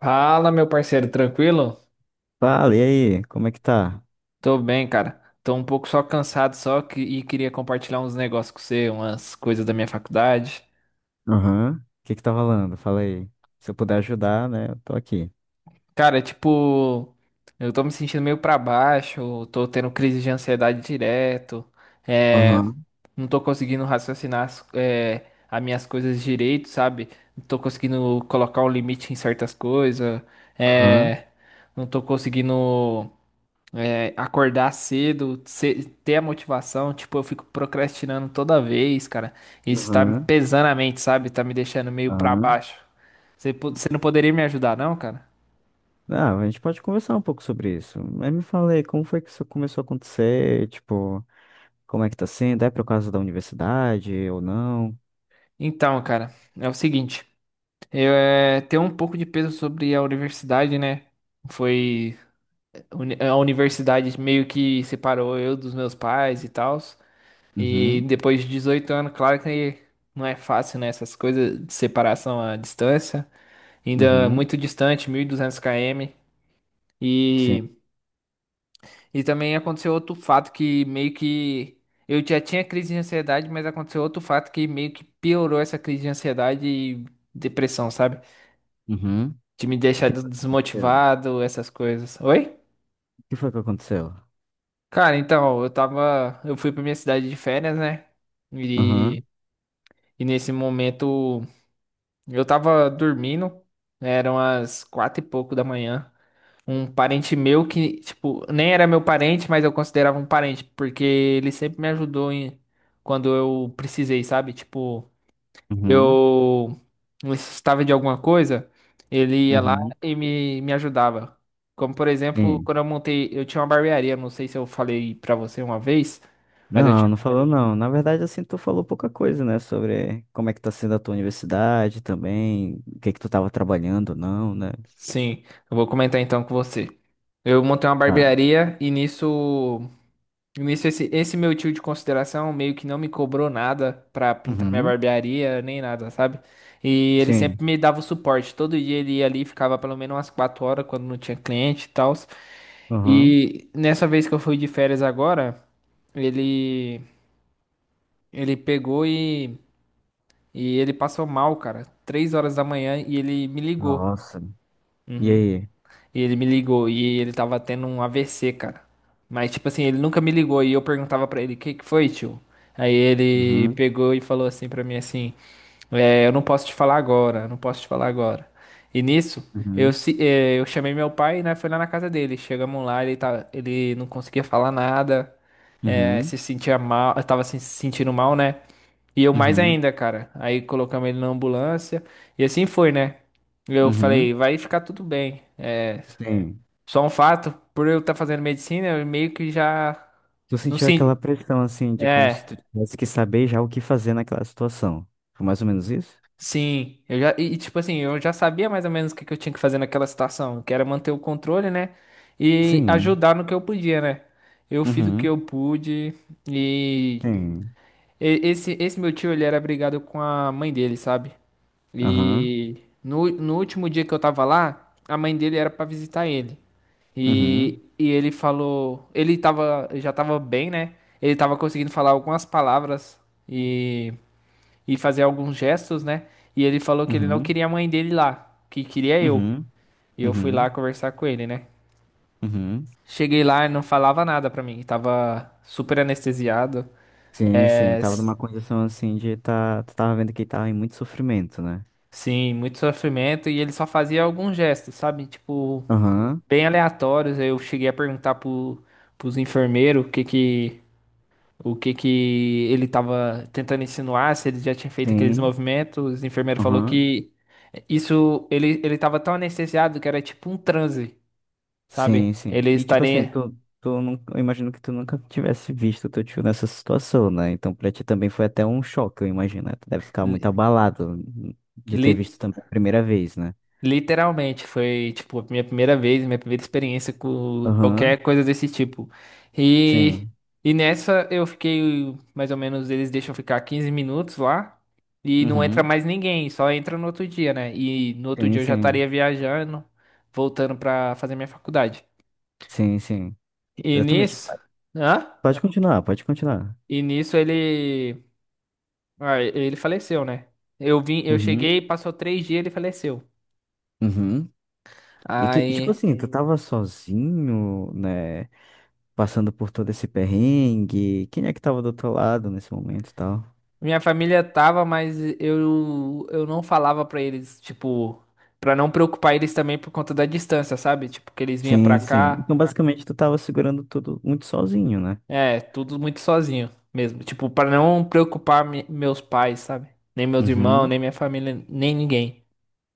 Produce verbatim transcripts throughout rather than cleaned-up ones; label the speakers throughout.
Speaker 1: Fala, meu parceiro, tranquilo?
Speaker 2: Fala, e aí? Como é que tá?
Speaker 1: Tô bem, cara. Tô um pouco só cansado só que, e queria compartilhar uns negócios com você, umas coisas da minha faculdade.
Speaker 2: Aham. O que que tá rolando? Fala aí. Se eu puder ajudar, né? Eu tô aqui.
Speaker 1: Cara, tipo, eu tô me sentindo meio pra baixo, tô tendo crise de ansiedade direto, é,
Speaker 2: Aham,
Speaker 1: não tô conseguindo raciocinar as, é, as minhas coisas direito, sabe? Não tô conseguindo colocar um limite em certas coisas,
Speaker 2: aham,
Speaker 1: é, não tô conseguindo. É, acordar cedo, ce- ter a motivação, tipo, eu fico procrastinando toda vez, cara. Isso tá me
Speaker 2: aham,
Speaker 1: pesando a mente, sabe? Tá me deixando meio pra
Speaker 2: aham.
Speaker 1: baixo. Você, po- você não poderia me ajudar, não, cara?
Speaker 2: Ah, a gente pode conversar um pouco sobre isso. Mas me fala aí, como foi que isso começou a acontecer? Tipo, como é que tá sendo? É por causa da universidade ou não?
Speaker 1: Então, cara, é o seguinte, eu é, tenho um pouco de peso sobre a universidade, né? Foi uni- a universidade meio que separou eu dos meus pais e tal. E
Speaker 2: Uhum,
Speaker 1: depois de dezoito anos, claro que não é fácil, né? Essas coisas de separação à distância. Ainda
Speaker 2: uhum,
Speaker 1: muito distante, mil e duzentos quilômetros km.
Speaker 2: sim,
Speaker 1: E, e também aconteceu outro fato que meio que. Eu já tinha crise de ansiedade, mas aconteceu outro fato que meio que piorou essa crise de ansiedade e depressão, sabe?
Speaker 2: uhum.
Speaker 1: De me
Speaker 2: O
Speaker 1: deixar
Speaker 2: que
Speaker 1: des-
Speaker 2: aconteceu?
Speaker 1: desmotivado, essas coisas. Oi?
Speaker 2: O que foi que aconteceu?
Speaker 1: Cara, então, eu tava. Eu fui pra minha cidade de férias, né?
Speaker 2: Aham,
Speaker 1: E, e nesse momento eu tava dormindo, eram as quatro e pouco da manhã. Um parente meu que, tipo, nem era meu parente, mas eu considerava um parente, porque ele sempre me ajudou em, quando eu precisei, sabe? Tipo,
Speaker 2: uhum,
Speaker 1: eu necessitava de alguma coisa, ele ia lá
Speaker 2: uhum,
Speaker 1: e me, me ajudava. Como, por exemplo,
Speaker 2: sim.
Speaker 1: quando eu montei, eu tinha uma barbearia, não sei se eu falei pra você uma vez, mas eu
Speaker 2: Não,
Speaker 1: tinha.
Speaker 2: não falou não. Na verdade, assim, tu falou pouca coisa, né? Sobre como é que tá sendo a tua universidade também, o que que tu tava trabalhando, ou não, né?
Speaker 1: Sim, eu vou comentar então com você. Eu montei uma
Speaker 2: Ah.
Speaker 1: barbearia e nisso. Nisso, esse, esse meu tio de consideração meio que não me cobrou nada pra pintar minha
Speaker 2: Uhum.
Speaker 1: barbearia, nem nada, sabe? E ele
Speaker 2: Sim.
Speaker 1: sempre me dava o suporte. Todo dia ele ia ali, ficava pelo menos umas quatro horas quando não tinha cliente e tal.
Speaker 2: Uhum.
Speaker 1: E nessa vez que eu fui de férias agora, ele, ele pegou e, e ele passou mal, cara. Três horas da manhã e ele me ligou.
Speaker 2: Nossa. E aí?
Speaker 1: E ele me ligou e ele tava tendo um A V C, cara. Mas, tipo assim, ele nunca me ligou e eu perguntava pra ele, o que que foi, tio? Aí ele
Speaker 2: Uhum.
Speaker 1: pegou e falou assim pra mim, assim, é, eu não posso te falar agora, eu não posso te falar agora. E nisso, eu,
Speaker 2: Uhum.
Speaker 1: se- é, eu chamei meu pai, né, foi lá na casa dele. Chegamos lá, ele, tá, ele não conseguia falar nada, é,
Speaker 2: Uhum.
Speaker 1: se sentia mal, tava se sentindo mal, né? E eu mais
Speaker 2: Uhum.
Speaker 1: ainda, cara. Aí colocamos ele na ambulância e assim foi, né? Eu falei,
Speaker 2: Uhum.
Speaker 1: vai ficar tudo bem. É,
Speaker 2: Sim.
Speaker 1: só um fato, por eu estar fazendo medicina, eu meio que já
Speaker 2: Tu
Speaker 1: não
Speaker 2: sentiu aquela
Speaker 1: sei.
Speaker 2: pressão, assim, de como se tu
Speaker 1: É,
Speaker 2: tivesse que saber já o que fazer naquela situação. Foi mais ou menos isso?
Speaker 1: sim. Eu já e e, tipo assim, eu já sabia mais ou menos o que que eu tinha que fazer naquela situação, que era manter o controle, né? E
Speaker 2: Sim.
Speaker 1: ajudar no que eu podia, né? Eu fiz o que
Speaker 2: Uhum.
Speaker 1: eu pude e
Speaker 2: Sim.
Speaker 1: E- Esse, esse meu tio, ele era brigado com a mãe dele, sabe?
Speaker 2: Aham.
Speaker 1: E no, no último dia que eu tava lá, a mãe dele era pra visitar ele. E,
Speaker 2: Uhum.
Speaker 1: e ele falou, ele tava, já tava bem, né? Ele tava conseguindo falar algumas palavras e, e fazer alguns gestos, né? E ele falou que ele não
Speaker 2: Uhum.
Speaker 1: queria a mãe dele lá, que queria eu.
Speaker 2: Uhum.
Speaker 1: E eu fui lá
Speaker 2: Uhum.
Speaker 1: conversar com ele, né?
Speaker 2: Uhum.
Speaker 1: Cheguei lá e não falava nada pra mim, tava super anestesiado.
Speaker 2: Sim, sim,
Speaker 1: É,
Speaker 2: tava numa condição assim de tá, tu tava vendo que ele tava em muito sofrimento, né?
Speaker 1: Sim, muito sofrimento e ele só fazia alguns gestos, sabe? Tipo,
Speaker 2: Aham,
Speaker 1: bem aleatórios. Eu cheguei a perguntar pro, pros enfermeiros o que que, o que que ele tava tentando insinuar, se ele já tinha feito aqueles
Speaker 2: sim,
Speaker 1: movimentos. Os enfermeiros falou
Speaker 2: aham,
Speaker 1: que isso, ele, ele tava tão anestesiado que era tipo um transe, sabe?
Speaker 2: sim, sim.
Speaker 1: Ele
Speaker 2: E tipo assim,
Speaker 1: estaria
Speaker 2: tu, tu não eu imagino que tu nunca tivesse visto teu tio nessa situação, né? Então pra ti também foi até um choque, eu imagino, né? Tu deve ficar muito abalado de
Speaker 1: li,
Speaker 2: ter visto também a primeira vez, né?
Speaker 1: literalmente, foi tipo a minha primeira vez, minha primeira experiência com
Speaker 2: Aham,
Speaker 1: qualquer coisa desse tipo. E,
Speaker 2: sim,
Speaker 1: e nessa eu fiquei mais ou menos, eles deixam ficar quinze minutos lá e não entra
Speaker 2: uhum,
Speaker 1: mais ninguém, só entra no outro dia, né? E no outro
Speaker 2: sim,
Speaker 1: dia eu já estaria
Speaker 2: sim,
Speaker 1: viajando, voltando pra fazer minha faculdade.
Speaker 2: sim, sim,
Speaker 1: E
Speaker 2: exatamente.
Speaker 1: nisso, hã?
Speaker 2: Pode continuar, pode continuar.
Speaker 1: E nisso ele, ah, ele faleceu, né? Eu vim, eu
Speaker 2: Uhum,
Speaker 1: cheguei, passou três dias, ele faleceu.
Speaker 2: uhum. E, tu, e tipo
Speaker 1: Aí
Speaker 2: assim, tu tava sozinho, né? Passando por todo esse perrengue. Quem é que tava do outro lado nesse momento e tal?
Speaker 1: minha família tava, mas eu, eu não falava pra eles, tipo, pra não preocupar eles também por conta da distância, sabe? Tipo, que eles vinham pra
Speaker 2: Sim, sim.
Speaker 1: cá,
Speaker 2: Então, basicamente, tu tava segurando tudo muito sozinho, né?
Speaker 1: é, tudo muito sozinho mesmo. Tipo, pra não preocupar me- meus pais, sabe? Nem meus irmãos,
Speaker 2: Uhum.
Speaker 1: nem minha família, nem ninguém.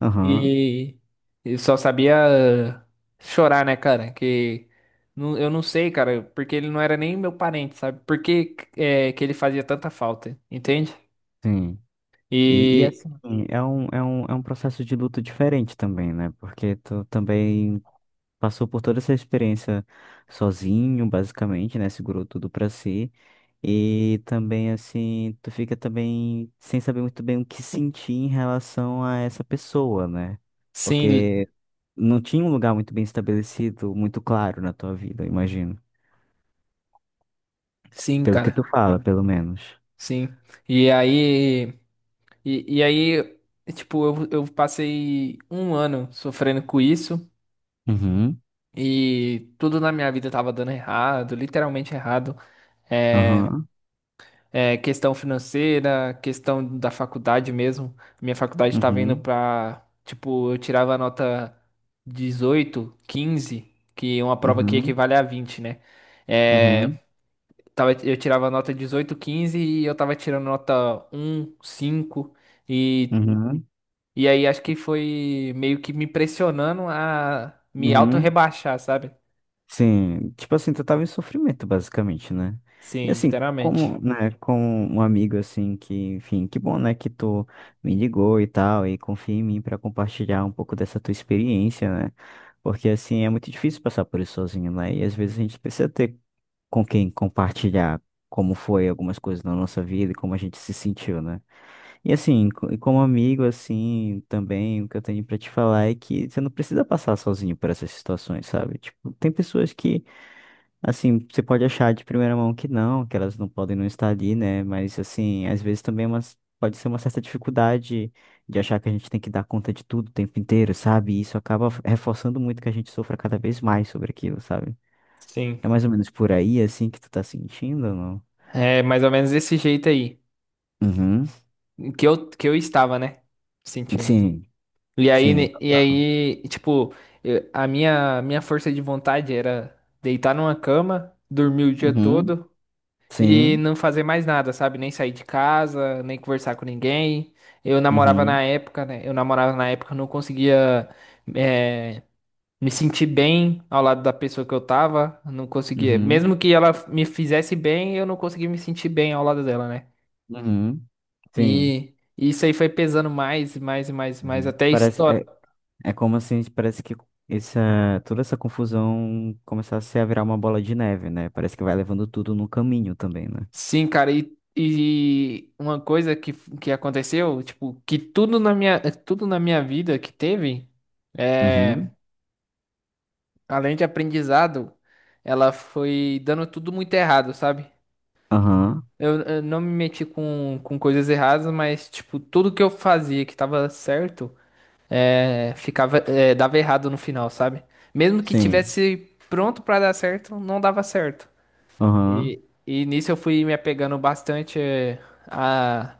Speaker 2: Aham,
Speaker 1: E eu só sabia chorar, né, cara? Que não- eu não sei, cara, porque ele não era nem meu parente, sabe? Por que, é, que ele fazia tanta falta, entende?
Speaker 2: sim. E, e
Speaker 1: E
Speaker 2: assim, é um, é um, é um processo de luto diferente também, né? Porque tu também passou por toda essa experiência sozinho, basicamente, né? Segurou tudo pra si. E também, assim, tu fica também sem saber muito bem o que sentir em relação a essa pessoa, né?
Speaker 1: sim,
Speaker 2: Porque não tinha um lugar muito bem estabelecido, muito claro na tua vida, eu imagino.
Speaker 1: sim,
Speaker 2: Pelo que
Speaker 1: cara.
Speaker 2: tu fala, pelo menos.
Speaker 1: Sim. E aí, e, e aí, tipo, eu, eu passei um ano sofrendo com isso
Speaker 2: Uhum,
Speaker 1: e tudo na minha vida tava dando errado, literalmente errado. É,
Speaker 2: aham,
Speaker 1: é, questão financeira, questão da faculdade mesmo. Minha faculdade tava indo
Speaker 2: uhum,
Speaker 1: pra, tipo, eu tirava a nota dezoito quinze que é uma prova que
Speaker 2: uhum,
Speaker 1: equivale a vinte, né? É,
Speaker 2: uhum,
Speaker 1: tava, eu tirava a nota dezoito quinze e eu tava tirando nota um cinco. E
Speaker 2: uhum,
Speaker 1: E aí acho que foi meio que me pressionando a me
Speaker 2: uhum.
Speaker 1: auto-rebaixar, sabe?
Speaker 2: Sim, tipo assim, tu tava em sofrimento, basicamente, né? E
Speaker 1: Sim,
Speaker 2: assim,
Speaker 1: literalmente.
Speaker 2: como, né, como um amigo, assim, que, enfim, que bom, né, que tu me ligou e tal, e confia em mim pra compartilhar um pouco dessa tua experiência, né? Porque, assim, é muito difícil passar por isso sozinho, né? E às vezes a gente precisa ter com quem compartilhar como foi algumas coisas na nossa vida e como a gente se sentiu, né? E assim, co- e como amigo, assim, também o que eu tenho pra te falar é que você não precisa passar sozinho por essas situações, sabe? Tipo, tem pessoas que, assim, você pode achar de primeira mão que não, que elas não podem não estar ali, né? Mas assim, às vezes também é umas- pode ser uma certa dificuldade de achar que a gente tem que dar conta de tudo o tempo inteiro, sabe? E isso acaba reforçando muito que a gente sofra cada vez mais sobre aquilo, sabe?
Speaker 1: Sim.
Speaker 2: É mais ou menos por aí, assim, que tu tá sentindo, ou não?
Speaker 1: É mais ou menos desse jeito aí.
Speaker 2: Uhum.
Speaker 1: Que eu, que eu estava, né? Sentindo.
Speaker 2: Sim,
Speaker 1: E aí,
Speaker 2: sim,
Speaker 1: ne- e
Speaker 2: total.
Speaker 1: aí, tipo, eu- a minha, minha força de vontade era deitar numa cama, dormir o dia
Speaker 2: Uhum.
Speaker 1: todo e
Speaker 2: Sim.
Speaker 1: não fazer mais nada, sabe? Nem sair de casa, nem conversar com ninguém. Eu namorava na
Speaker 2: Uhum.
Speaker 1: época, né? Eu namorava na época, eu não conseguia. eh, me senti bem ao lado da pessoa que eu tava, não conseguia.
Speaker 2: Uhum.
Speaker 1: Mesmo que ela me fizesse bem, eu não conseguia me sentir bem ao lado dela, né?
Speaker 2: Uhum. Sim.
Speaker 1: E isso aí foi pesando mais, e mais, e mais, e mais,
Speaker 2: Uhum.
Speaker 1: até
Speaker 2: Parece,
Speaker 1: história.
Speaker 2: é, é como assim, parece que essa, toda essa confusão começasse a virar uma bola de neve, né? Parece que vai levando tudo no caminho também, né?
Speaker 1: Sim, cara, e, e uma coisa que, que aconteceu, tipo, que tudo na minha, tudo na minha vida que teve, é,
Speaker 2: Uhum.
Speaker 1: além de aprendizado, ela foi dando tudo muito errado, sabe?
Speaker 2: Aham.
Speaker 1: Eu, eu não me meti com, com coisas erradas, mas, tipo, tudo que eu fazia que tava certo, é, ficava, é, dava errado no final, sabe? Mesmo que
Speaker 2: Sim.
Speaker 1: tivesse pronto pra dar certo, não dava certo.
Speaker 2: Aham.
Speaker 1: E, e nisso eu fui me apegando bastante é, a,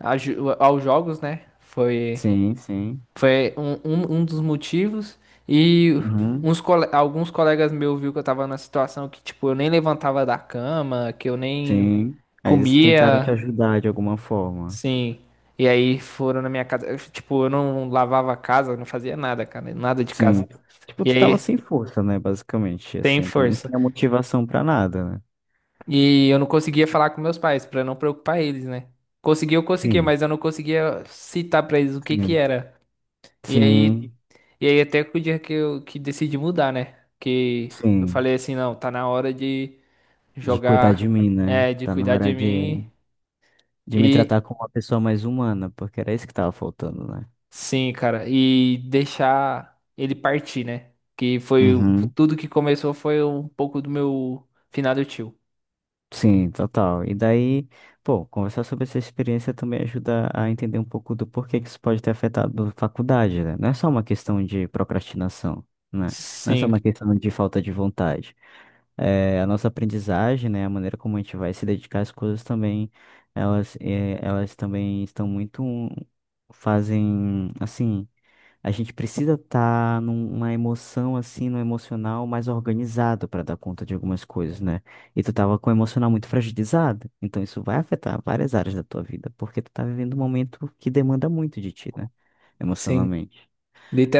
Speaker 1: a ju- aos jogos, né? Foi,
Speaker 2: Sim, sim.
Speaker 1: foi um, um, um dos motivos. E
Speaker 2: Uhum.
Speaker 1: uns, cole- alguns colegas meus viu que eu tava na situação que, tipo, eu nem levantava da cama, que eu nem
Speaker 2: Sim. Aí eles tentaram te
Speaker 1: comia.
Speaker 2: ajudar de alguma forma.
Speaker 1: Sim. E aí foram na minha casa. Eu, tipo, eu não lavava a casa, eu não fazia nada, cara. Nada de
Speaker 2: Sim.
Speaker 1: casa.
Speaker 2: Tipo,
Speaker 1: E
Speaker 2: tu tava
Speaker 1: aí,
Speaker 2: sem força, né? Basicamente,
Speaker 1: tem
Speaker 2: assim, não
Speaker 1: força.
Speaker 2: tinha motivação pra nada, né?
Speaker 1: E eu não conseguia falar com meus pais, pra não preocupar eles, né? Conseguia, eu conseguia,
Speaker 2: Sim,
Speaker 1: mas eu não conseguia citar pra eles o que que
Speaker 2: sim,
Speaker 1: era. E aí,
Speaker 2: sim,
Speaker 1: e aí até que o dia que eu que decidi mudar, né? Que eu
Speaker 2: sim.
Speaker 1: falei assim, não, tá na hora de
Speaker 2: De cuidar de
Speaker 1: jogar,
Speaker 2: mim, né?
Speaker 1: é, de
Speaker 2: Tá na
Speaker 1: cuidar
Speaker 2: hora
Speaker 1: de
Speaker 2: de,
Speaker 1: mim.
Speaker 2: de me tratar
Speaker 1: E,
Speaker 2: como uma pessoa mais humana, porque era isso que tava faltando, né?
Speaker 1: Sim, cara, e deixar ele partir, né? Que foi o-
Speaker 2: Uhum.
Speaker 1: tudo que começou foi um pouco do meu finado tio.
Speaker 2: Sim, total. E daí, pô, conversar sobre essa experiência também ajuda a entender um pouco do porquê que isso pode ter afetado a faculdade, né? Não é só uma questão de procrastinação, né? Não é só
Speaker 1: Sim,
Speaker 2: uma questão de falta de vontade. Eh, a nossa aprendizagem, né, a maneira como a gente vai se dedicar às coisas também, elas, eh, elas também estão muito, fazem, assim, a gente precisa estar numa emoção, assim, no emocional mais organizado para dar conta de algumas coisas, né? E tu tava com o emocional muito fragilizado, então isso vai afetar várias áreas da tua vida, porque tu tá vivendo um momento que demanda muito de ti, né,
Speaker 1: sim,
Speaker 2: emocionalmente.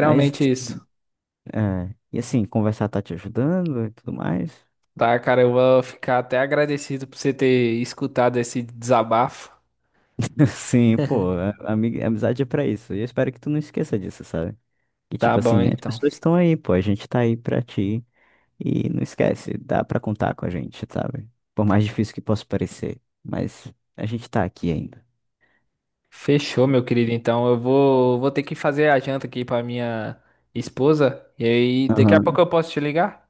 Speaker 2: Mas,
Speaker 1: isso.
Speaker 2: assim, é, e assim, conversar tá te ajudando e tudo mais?
Speaker 1: Tá, cara, eu vou ficar até agradecido por você ter escutado esse desabafo.
Speaker 2: Sim, pô, a- ami- amizade é pra isso. E eu espero que tu não esqueça disso, sabe? Que
Speaker 1: Tá
Speaker 2: tipo
Speaker 1: bom,
Speaker 2: assim, as
Speaker 1: então.
Speaker 2: pessoas estão aí, pô, a gente tá aí pra ti. E não esquece, dá pra contar com a gente, sabe? Por mais difícil que possa parecer, mas a gente tá aqui ainda.
Speaker 1: Fechou, meu querido. Então, eu vou, vou ter que fazer a janta aqui pra minha esposa. E aí, daqui a pouco
Speaker 2: Aham.
Speaker 1: eu posso te ligar?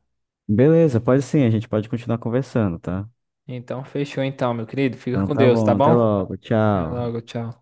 Speaker 2: Beleza, pode sim, a gente pode continuar conversando, tá?
Speaker 1: Então, fechou, então, meu querido. Fica
Speaker 2: Então
Speaker 1: com
Speaker 2: tá
Speaker 1: Deus, tá
Speaker 2: bom, até
Speaker 1: bom?
Speaker 2: logo,
Speaker 1: Até
Speaker 2: tchau.
Speaker 1: logo, tchau.